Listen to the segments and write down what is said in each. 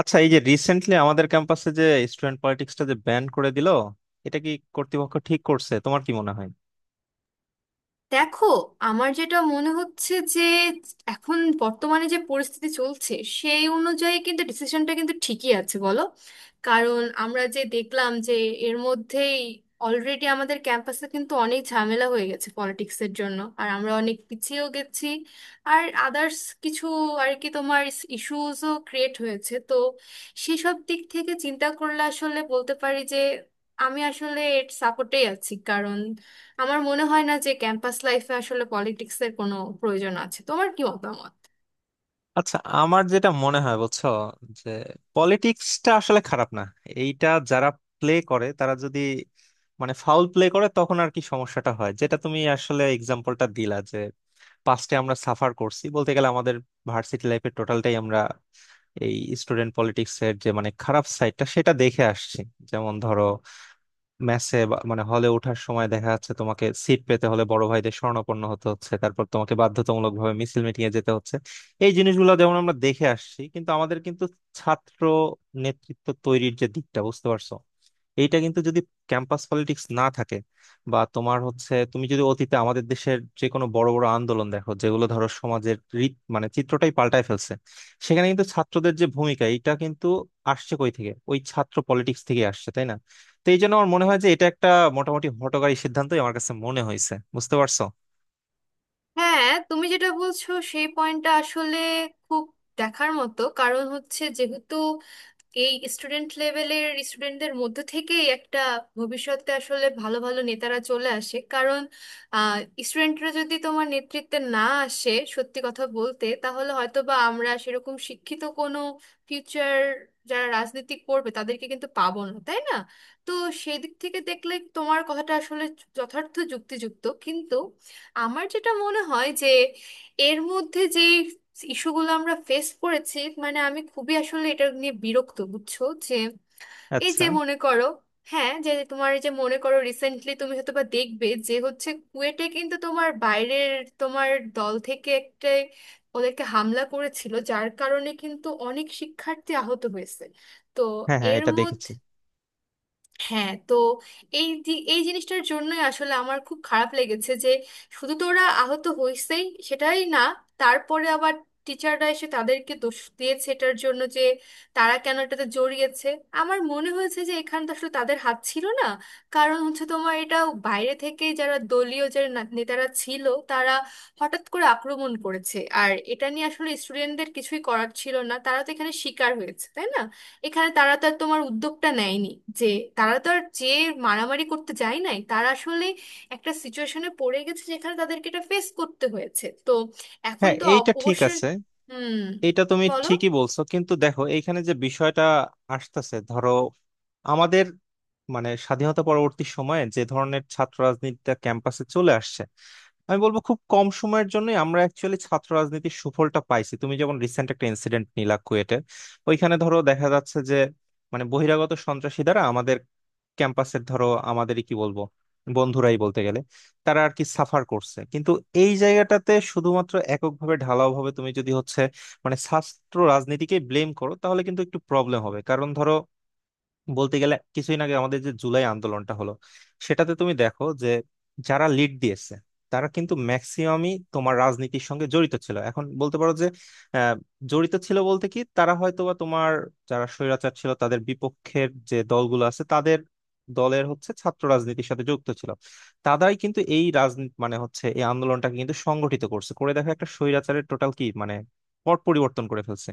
আচ্ছা, এই যে রিসেন্টলি আমাদের ক্যাম্পাসে যে স্টুডেন্ট পলিটিক্সটা যে ব্যান করে দিল, এটা কি কর্তৃপক্ষ ঠিক করছে, তোমার কি মনে হয়? দেখো, আমার যেটা মনে হচ্ছে যে এখন বর্তমানে যে পরিস্থিতি চলছে সেই অনুযায়ী কিন্তু ডিসিশনটা কিন্তু ঠিকই আছে, বলো। কারণ আমরা যে দেখলাম যে এর মধ্যেই অলরেডি আমাদের ক্যাম্পাসে কিন্তু অনেক ঝামেলা হয়ে গেছে পলিটিক্সের জন্য, আর আমরা অনেক পিছিয়েও গেছি। আর আদার্স কিছু আর কি তোমার ইস্যুসও ক্রিয়েট হয়েছে। তো সেসব দিক থেকে চিন্তা করলে আসলে বলতে পারি যে আমি আসলে এর সাপোর্টেই আছি, কারণ আমার মনে হয় না যে ক্যাম্পাস লাইফে আসলে পলিটিক্স এর কোনো প্রয়োজন আছে। তোমার কি মতামত? আচ্ছা, আমার যেটা মনে হয় বুঝছো, যে পলিটিক্সটা আসলে খারাপ না। এইটা যারা প্লে করে তারা যদি মানে ফাউল প্লে করে, তখন আর কি সমস্যাটা হয়। যেটা তুমি আসলে এক্সাম্পলটা দিলা যে পাস্টে আমরা সাফার করছি, বলতে গেলে আমাদের ভার্সিটি লাইফের টোটালটাই আমরা এই স্টুডেন্ট পলিটিক্স এর যে মানে খারাপ সাইডটা সেটা দেখে আসছি। যেমন ধরো, ম্যাচে মানে হলে ওঠার সময় দেখা যাচ্ছে তোমাকে সিট পেতে হলে বড় ভাইদের শরণাপন্ন হতে হচ্ছে, তারপর তোমাকে বাধ্যতামূলক ভাবে মিছিল মিটিং এ যেতে হচ্ছে। এই জিনিসগুলো যেমন আমরা দেখে আসছি, কিন্তু আমাদের কিন্তু ছাত্র নেতৃত্ব তৈরির যে দিকটা বুঝতে পারছো, এইটা কিন্তু যদি ক্যাম্পাস পলিটিক্স না থাকে, বা তোমার হচ্ছে তুমি যদি অতীতে আমাদের দেশের যে কোনো বড় বড় আন্দোলন দেখো, যেগুলো ধরো সমাজের রীত মানে চিত্রটাই পাল্টায় ফেলছে, সেখানে কিন্তু ছাত্রদের যে ভূমিকা, এটা কিন্তু আসছে কই থেকে? ওই ছাত্র পলিটিক্স থেকে আসছে, তাই না? তো এই জন্য আমার মনে হয় যে এটা একটা মোটামুটি হঠকারী সিদ্ধান্তই আমার কাছে মনে হয়েছে, বুঝতে পারছো? হ্যাঁ, তুমি যেটা বলছো সেই পয়েন্টটা আসলে খুব দেখার মতো। কারণ হচ্ছে যেহেতু এই স্টুডেন্ট লেভেলের স্টুডেন্টদের মধ্য থেকেই একটা ভবিষ্যতে আসলে ভালো ভালো নেতারা চলে আসে, কারণ স্টুডেন্টরা যদি তোমার নেতৃত্বে না আসে, সত্যি কথা বলতে, তাহলে হয়তো বা আমরা সেরকম শিক্ষিত কোনো ফিউচার যারা রাজনীতি করবে তাদেরকে কিন্তু পাবো না, তাই না? তো সেই দিক থেকে দেখলে তোমার কথাটা আসলে যথার্থ যুক্তিযুক্ত, কিন্তু আমার যেটা মনে হয় যে এর মধ্যে যে ইস্যুগুলো আমরা ফেস করেছি, মানে আমি খুবই আসলে এটা নিয়ে বিরক্ত, বুঝছো? যে এই আচ্ছা। যে মনে করো, হ্যাঁ, যে তোমার এই যে মনে করো রিসেন্টলি তুমি হয়তো বা দেখবে যে হচ্ছে কুয়েটে কিন্তু তোমার বাইরের তোমার দল থেকে একটা ওদেরকে হামলা করেছিল, যার কারণে কিন্তু অনেক শিক্ষার্থী আহত হয়েছে। তো হ্যাঁ, হ্যাঁ, এর এটা দেখেছি। মধ্যে হ্যাঁ, তো এই জিনিসটার জন্যই আসলে আমার খুব খারাপ লেগেছে যে শুধু তো ওরা আহত হয়েছেই সেটাই না, তারপরে আবার টিচাররা এসে তাদেরকে দোষ দিয়েছে এটার জন্য যে তারা কেন এটাতে জড়িয়েছে। আমার মনে হয়েছে যে এখানে তো আসলে তাদের হাত ছিল না, কারণ হচ্ছে তোমার এটা বাইরে থেকে যারা দলীয় নেতারা ছিল তারা হঠাৎ করে আক্রমণ করেছে। আর এটা নিয়ে আসলে স্টুডেন্টদের কিছুই করার ছিল না, তারা তো এখানে শিকার হয়েছে, তাই না? এখানে তারা তো আর তোমার উদ্যোগটা নেয়নি যে তারা তো আর যে মারামারি করতে যায় নাই, তারা আসলে একটা সিচুয়েশনে পড়ে গেছে যেখানে তাদেরকে এটা ফেস করতে হয়েছে। তো এখন হ্যাঁ, তো এইটা অব- ঠিক অবশ্যই আছে। হুম, এটা তুমি বলো। ঠিকই বলছো, কিন্তু দেখো এইখানে যে বিষয়টা আসতেছে, ধরো আমাদের মানে স্বাধীনতা পরবর্তী সময়ে যে ধরনের ছাত্র রাজনীতিটা ক্যাম্পাসে চলে আসছে, আমি বলবো খুব কম সময়ের জন্যই আমরা অ্যাকচুয়ালি ছাত্র রাজনীতির সুফলটা পাইছি। তুমি যেমন রিসেন্ট একটা ইনসিডেন্ট নিলা কুয়েটে, ওইখানে ধরো দেখা যাচ্ছে যে মানে বহিরাগত সন্ত্রাসী দ্বারা আমাদের ক্যাম্পাসের ধরো আমাদেরই কি বলবো, বন্ধুরাই বলতে গেলে, তারা আর কি সাফার করছে। কিন্তু এই জায়গাটাতে শুধুমাত্র এককভাবে ঢালাও ভাবে তুমি যদি হচ্ছে মানে শাস্ত্র রাজনীতিকে ব্লেম করো, তাহলে কিন্তু একটু প্রবলেম হবে। কারণ ধরো, বলতে গেলে কিছুদিন আগে আমাদের যে জুলাই আন্দোলনটা হলো, সেটাতে তুমি দেখো যে যারা লিড দিয়েছে, তারা কিন্তু ম্যাক্সিমামই তোমার রাজনীতির সঙ্গে জড়িত ছিল। এখন বলতে পারো যে আহ, জড়িত ছিল বলতে কি, তারা হয়তোবা তোমার যারা স্বৈরাচার ছিল তাদের বিপক্ষের যে দলগুলো আছে, তাদের দলের হচ্ছে ছাত্র রাজনীতির সাথে যুক্ত ছিল। তারাই কিন্তু এই রাজনীতি মানে হচ্ছে এই আন্দোলনটাকে কিন্তু সংগঠিত করছে, করে দেখো একটা স্বৈরাচারের টোটাল কি মানে পট পরিবর্তন করে ফেলছে।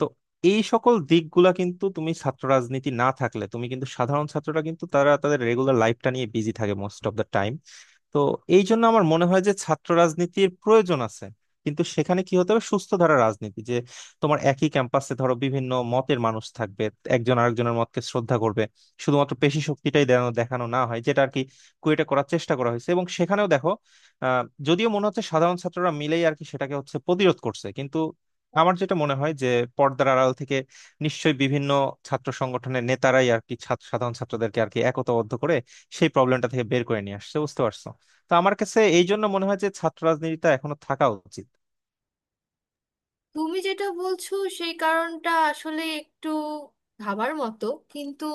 তো এই সকল দিকগুলা কিন্তু তুমি ছাত্র রাজনীতি না থাকলে তুমি কিন্তু সাধারণ ছাত্ররা কিন্তু তারা তাদের রেগুলার লাইফটা নিয়ে বিজি থাকে মোস্ট অফ দ্য টাইম। তো এই জন্য আমার মনে হয় যে ছাত্র রাজনীতির প্রয়োজন আছে। কিন্তু সেখানে কি হতে হবে, সুস্থ ধারা রাজনীতি, যে তোমার একই ক্যাম্পাসে ধরো বিভিন্ন মতের মানুষ থাকবে, একজন আরেকজনের মতকে শ্রদ্ধা করবে, শুধুমাত্র পেশি শক্তিটাই দেখানো দেখানো না হয়, যেটা আর কি কুয়েটা করার চেষ্টা করা হয়েছে। এবং সেখানেও দেখো, আহ, যদিও মনে হচ্ছে সাধারণ ছাত্ররা মিলেই আর কি সেটাকে হচ্ছে প্রতিরোধ করছে, কিন্তু আমার যেটা মনে হয় যে পর্দার আড়াল থেকে নিশ্চয়ই বিভিন্ন ছাত্র সংগঠনের নেতারাই আর কি সাধারণ ছাত্রদেরকে আর কি একতাবদ্ধ করে সেই প্রবলেমটা থেকে বের করে নিয়ে আসছে, বুঝতে পারছো? তো আমার কাছে এই জন্য মনে হয় যে ছাত্র রাজনীতিটা এখনো থাকা উচিত। তুমি যেটা বলছো সেই কারণটা আসলে একটু ভাবার মতো, কিন্তু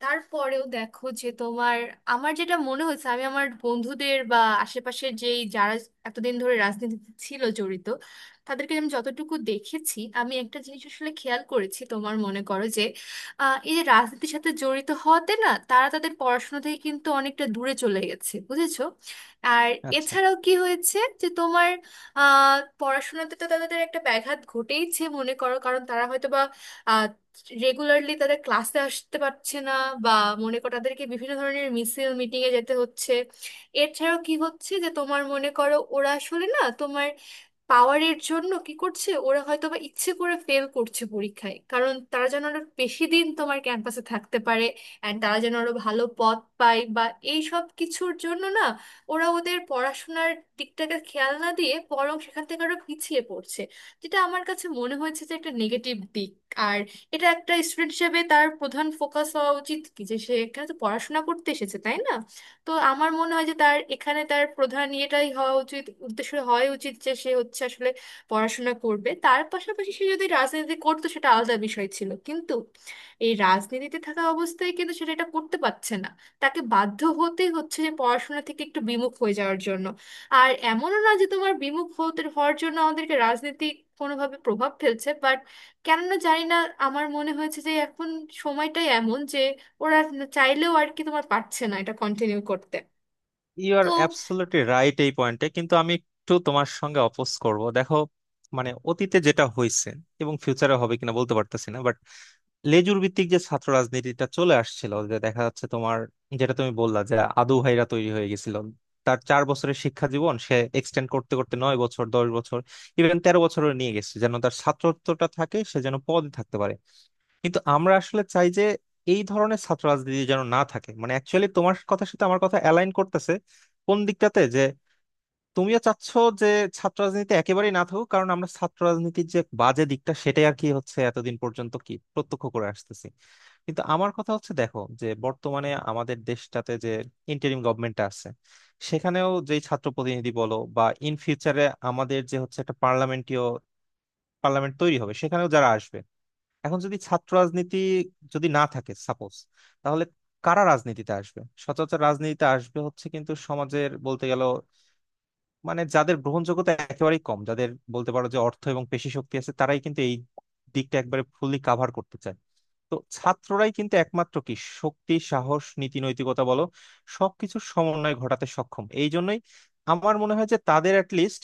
তারপরেও দেখো যে তোমার আমার যেটা মনে হয়েছে, আমি আমার বন্ধুদের বা আশেপাশের যেই যারা এতদিন ধরে রাজনীতিতে ছিল জড়িত, তাদেরকে আমি যতটুকু দেখেছি, আমি একটা জিনিস আসলে খেয়াল করেছি। তোমার মনে করো যে এই যে রাজনীতির সাথে জড়িত হওয়াতে না, তারা তাদের পড়াশোনা থেকে কিন্তু অনেকটা দূরে চলে গেছে, বুঝেছো? আর আচ্ছা। এছাড়াও কি হয়েছে যে তোমার আহ পড়াশোনাতে তো তাদের একটা ব্যাঘাত ঘটেইছে, মনে করো। কারণ তারা হয়তো বা রেগুলারলি তাদের ক্লাসে আসতে পারছে না, বা মনে করো তাদেরকে বিভিন্ন ধরনের মিছিল মিটিং এ যেতে হচ্ছে। এছাড়াও কি হচ্ছে যে তোমার মনে করো ওরা আসলে না তোমার পাওয়ারের জন্য কি করছে, ওরা হয়তো বা ইচ্ছে করে ফেল করছে পরীক্ষায়, কারণ তারা যেন আরো বেশি দিন তোমার ক্যাম্পাসে থাকতে পারে অ্যান্ড তারা যেন আরো ভালো পদ পায়। বা এই সব কিছুর জন্য না ওরা ওদের পড়াশোনার দিকটাকে খেয়াল না দিয়ে বরং সেখান থেকে আরো পিছিয়ে পড়ছে, যেটা আমার কাছে মনে হয়েছে যে একটা নেগেটিভ দিক। আর এটা একটা স্টুডেন্ট হিসেবে তার প্রধান ফোকাস হওয়া উচিত কি যে সে এখানে তো পড়াশোনা করতে এসেছে, তাই না? তো আমার মনে হয় যে তার এখানে তার প্রধান ইয়েটাই হওয়া উচিত, উদ্দেশ্য হওয়া উচিত যে সে হচ্ছে আসলে পড়াশোনা করবে। তার পাশাপাশি সে যদি রাজনীতি করতো সেটা আলাদা বিষয় ছিল, কিন্তু এই রাজনীতিতে থাকা অবস্থায় কিন্তু সেটা এটা করতে পারছে না, তাকে বাধ্য হতে হচ্ছে যে পড়াশোনা থেকে একটু বিমুখ হয়ে যাওয়ার জন্য। আর এমনও না যে তোমার বিমুখ হতে হওয়ার জন্য আমাদেরকে রাজনীতি কোনোভাবে প্রভাব ফেলছে, বাট কেননা জানি না, আমার মনে হয়েছে যে এখন সময়টাই এমন যে ওরা চাইলেও আর কি তোমার পারছে না এটা কন্টিনিউ করতে। ইউ আর তো অ্যাবসলিউটলি রাইট এই পয়েন্টে, কিন্তু আমি একটু তোমার সঙ্গে অপোজ করব, দেখো মানে অতীতে যেটা হয়েছে এবং ফিউচারে হবে কিনা বলতে পারতেছি না, বাট লেজুর ভিত্তিক যে ছাত্র রাজনীতিটা চলে আসছিল, যে দেখা যাচ্ছে তোমার, যেটা তুমি বললা যে আদু ভাইরা তৈরি হয়ে গেছিল, তার 4 বছরের শিক্ষা জীবন সে এক্সটেন্ড করতে করতে 9 বছর, 10 বছর, ইভেন 13 বছরও নিয়ে গেছে, যেন তার ছাত্রত্বটা থাকে, সে যেন পদে থাকতে পারে। কিন্তু আমরা আসলে চাই যে এই ধরনের ছাত্র রাজনীতি যেন না থাকে। মানে অ্যাকচুয়ালি তোমার কথার সাথে আমার কথা অ্যালাইন করতেছে কোন দিকটাতে, যে তুমিও চাচ্ছ যে ছাত্র রাজনীতি একেবারেই না থাকুক, কারণ আমরা ছাত্র রাজনীতির যে বাজে দিকটা সেটাই আর কি হচ্ছে এতদিন পর্যন্ত কি প্রত্যক্ষ করে আসতেছি। কিন্তু আমার কথা হচ্ছে, দেখো যে বর্তমানে আমাদের দেশটাতে যে ইন্টারিম গভর্নমেন্টটা আছে, সেখানেও যে ছাত্র প্রতিনিধি বলো বা ইন ফিউচারে আমাদের যে হচ্ছে একটা পার্লামেন্ট তৈরি হবে সেখানেও যারা আসবে, এখন যদি ছাত্র রাজনীতি যদি না থাকে সাপোজ, তাহলে কারা রাজনীতিতে আসবে? সচরাচর রাজনীতিতে আসবে হচ্ছে কিন্তু সমাজের বলতে গেল মানে যাদের গ্রহণযোগ্যতা একেবারেই কম, যাদের বলতে পারো যে অর্থ এবং পেশি শক্তি আছে, তারাই কিন্তু এই দিকটা একবারে ফুললি কাভার করতে চায়। তো ছাত্ররাই কিন্তু একমাত্র কি শক্তি, সাহস, নীতি, নৈতিকতা বলো, সবকিছুর সমন্বয় ঘটাতে সক্ষম। এই জন্যই আমার মনে হয় যে তাদের অ্যাট লিস্ট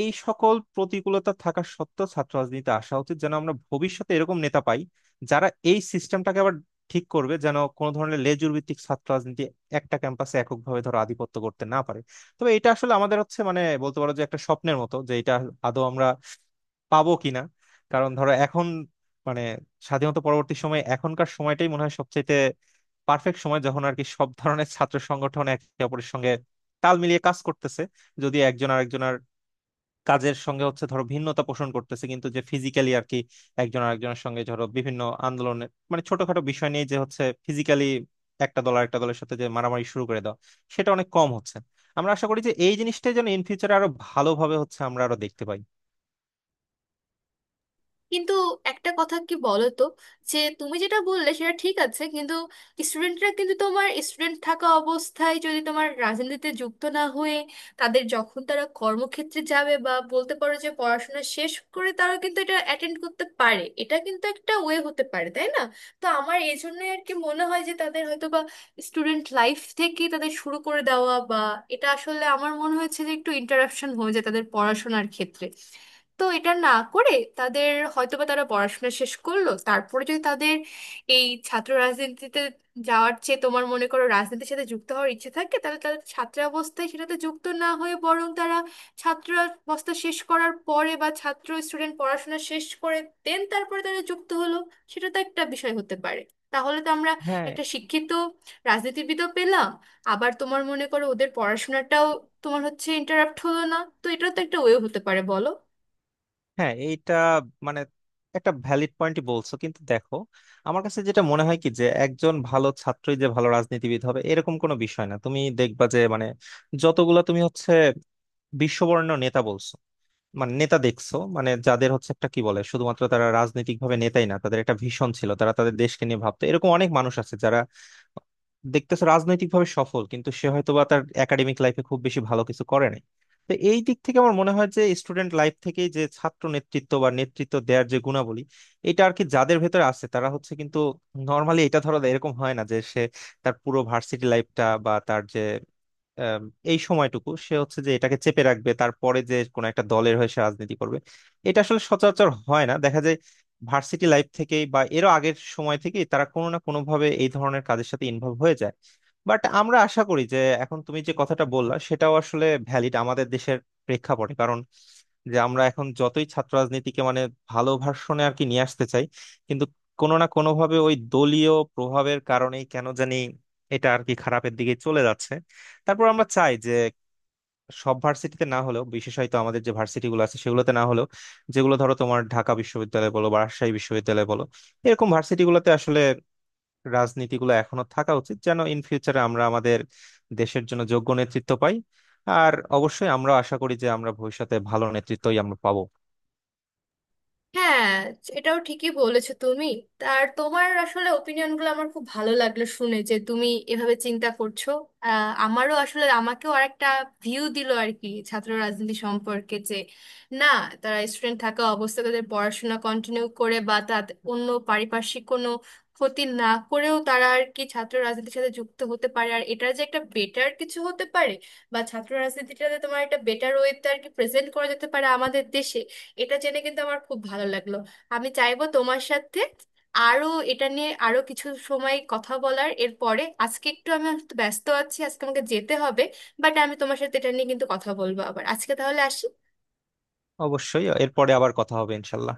এই সকল প্রতিকূলতা থাকা সত্ত্বেও ছাত্র রাজনীতিতে আসা উচিত, যেন আমরা ভবিষ্যতে এরকম নেতা পাই, যারা এই সিস্টেমটাকে আবার ঠিক করবে, যেন কোনো ধরনের লেজুর ভিত্তিক ছাত্র রাজনীতি একটা ক্যাম্পাসে এককভাবে ধরো আধিপত্য করতে না পারে। তবে এটা আসলে আমাদের হচ্ছে মানে বলতে পারো যে একটা স্বপ্নের মতো, যে এটা আদৌ আমরা পাবো কিনা। কারণ ধরো এখন মানে স্বাধীনতা পরবর্তী সময়ে এখনকার সময়টাই মনে হয় সবচেয়ে পারফেক্ট সময়, যখন আর কি সব ধরনের ছাত্র সংগঠন একে অপরের সঙ্গে তাল মিলিয়ে কাজ করতেছে। যদি একজন আরেকজনের কাজের সঙ্গে হচ্ছে ধরো ভিন্নতা পোষণ করতেছে, কিন্তু যে ফিজিক্যালি আর কি একজন আরেকজনের সঙ্গে ধরো বিভিন্ন আন্দোলনের মানে ছোটখাটো বিষয় নিয়ে যে হচ্ছে ফিজিক্যালি একটা দল আর একটা দলের সাথে যে মারামারি শুরু করে দাও, সেটা অনেক কম হচ্ছে। আমরা আশা করি যে এই জিনিসটা যেন ইন ফিউচারে আরো ভালোভাবে হচ্ছে আমরা আরো দেখতে পাই। কিন্তু একটা কথা কি বলো তো, যে তুমি যেটা বললে সেটা ঠিক আছে, কিন্তু স্টুডেন্টরা কিন্তু তোমার স্টুডেন্ট থাকা অবস্থায় যদি তোমার রাজনীতিতে যুক্ত না হয়ে তাদের যখন তারা কর্মক্ষেত্রে যাবে বা বলতে পারো যে পড়াশোনা শেষ করে তারা কিন্তু এটা অ্যাটেন্ড করতে পারে, এটা কিন্তু একটা ওয়ে হতে পারে, তাই না? তো আমার এই জন্যই আর কি মনে হয় যে তাদের হয়তো বা স্টুডেন্ট লাইফ থেকে তাদের শুরু করে দেওয়া বা এটা আসলে আমার মনে হয়েছে যে একটু ইন্টারাপশন হয়ে যায় তাদের পড়াশোনার ক্ষেত্রে। তো এটা না করে তাদের হয়তোবা তারা পড়াশোনা শেষ করলো, তারপরে যদি তাদের এই ছাত্র রাজনীতিতে যাওয়ার চেয়ে তোমার মনে করো রাজনীতির সাথে যুক্ত হওয়ার ইচ্ছে থাকে, তাহলে তারা ছাত্রাবস্থায় সেটাতে যুক্ত না হয়ে বরং তারা ছাত্রাবস্থা শেষ করার পরে বা ছাত্র স্টুডেন্ট পড়াশোনা শেষ করে দেন তারপরে তারা যুক্ত হলো, সেটা তো একটা বিষয় হতে পারে। তাহলে তো আমরা হ্যাঁ, একটা শিক্ষিত রাজনীতিবিদও পেলাম, আবার তোমার মনে করো ওদের পড়াশোনাটাও তোমার হচ্ছে ইন্টারাপ্ট হলো না। তো এটাও তো একটা ওয়ে হতে পারে, বলো। হ্যাঁ, এইটা মানে একটা ভ্যালিড পয়েন্টই বলছো, কিন্তু দেখো আমার কাছে যেটা মনে হয় কি, যে একজন ভালো ছাত্রই যে ভালো রাজনীতিবিদ হবে এরকম কোনো বিষয় না। তুমি দেখবা যে মানে যতগুলা তুমি হচ্ছে বিশ্ববরেণ্য নেতা বলছো, মানে নেতা দেখছো, মানে যাদের হচ্ছে একটা কি বলে, শুধুমাত্র তারা রাজনৈতিক ভাবে নেতাই না, তাদের একটা ভিশন ছিল, তারা তাদের দেশকে নিয়ে ভাবতো। এরকম অনেক মানুষ আছে যারা দেখতেছো রাজনৈতিক ভাবে সফল, কিন্তু সে হয়তো বা তার একাডেমিক লাইফে খুব বেশি ভালো কিছু করে নাই। তো এই দিক থেকে আমার মনে হয় যে স্টুডেন্ট লাইফ থেকে যে ছাত্র নেতৃত্ব বা নেতৃত্ব দেওয়ার যে গুণাবলী, এটা আর কি যাদের ভেতরে আছে তারা হচ্ছে কিন্তু নর্মালি এটা ধরো এরকম হয় না যে সে তার পুরো ভার্সিটি লাইফটা বা তার যে আম, এই সময়টুকু সে হচ্ছে যে এটাকে চেপে রাখবে, তারপরে যে কোনো একটা দলের হয়ে সে রাজনীতি করবে। এটা আসলে সচরাচর হয় না, দেখা যায় ভার্সিটি লাইফ থেকেই বা এরও আগের সময় থেকেই তারা কোনো না কোনো ভাবে এই ধরনের কাজের সাথে ইনভলভ হয়ে যায়। বাট আমরা আশা করি যে এখন তুমি যে কথাটা বললা সেটাও আসলে ভ্যালিড আমাদের দেশের প্রেক্ষাপটে। কারণ যে আমরা এখন যতই ছাত্র রাজনীতিকে মানে ভালো ভার্সনে আর কি নিয়ে আসতে চাই, কিন্তু কোনো না কোনো ভাবে ওই দলীয় প্রভাবের কারণেই কেন জানি এটা আর কি খারাপের দিকে চলে যাচ্ছে। তারপর আমরা চাই যে সব ভার্সিটিতে না হলেও বিশেষত আমাদের যে ভার্সিটি গুলো আছে সেগুলোতে না হলেও, যেগুলো ধরো তোমার ঢাকা বিশ্ববিদ্যালয় বলো বা রাজশাহী বিশ্ববিদ্যালয় বলো, এরকম ভার্সিটি গুলোতে আসলে রাজনীতিগুলো এখনো থাকা উচিত, যেন ইন ফিউচারে আমরা আমাদের দেশের জন্য যোগ্য নেতৃত্ব পাই। আর অবশ্যই আমরা আশা করি যে আমরা ভবিষ্যতে ভালো নেতৃত্বই আমরা পাবো। হ্যাঁ, এটাও ঠিকই বলেছো তুমি। আর তোমার আসলে ওপিনিয়নগুলো আমার খুব ভালো লাগলো শুনে যে তুমি এভাবে চিন্তা করছো। আমারও আসলে আমাকেও আরেকটা ভিউ দিল আর কি ছাত্র রাজনীতি সম্পর্কে, যে না তারা স্টুডেন্ট থাকা অবস্থায় তাদের পড়াশোনা কন্টিনিউ করে বা তাদের অন্য পারিপার্শ্বিক কোনো ক্ষতি না করেও তারা আর কি ছাত্র রাজনীতির সাথে যুক্ত হতে পারে, আর এটার যে একটা বেটার কিছু হতে পারে বা ছাত্র রাজনীতিটাতে তোমার একটা বেটার ওয়েতে আর কি প্রেজেন্ট করা যেতে পারে আমাদের দেশে। এটা জেনে কিন্তু আমার খুব ভালো লাগলো। আমি চাইবো তোমার সাথে আরো এটা নিয়ে আরো কিছু সময় কথা বলার, এরপরে আজকে একটু আমি একটু ব্যস্ত আছি, আজকে আমাকে যেতে হবে। বাট আমি তোমার সাথে এটা নিয়ে কিন্তু কথা বলবো আবার। আজকে তাহলে আসি। অবশ্যই, এরপরে আবার কথা হবে, ইনশাল্লাহ।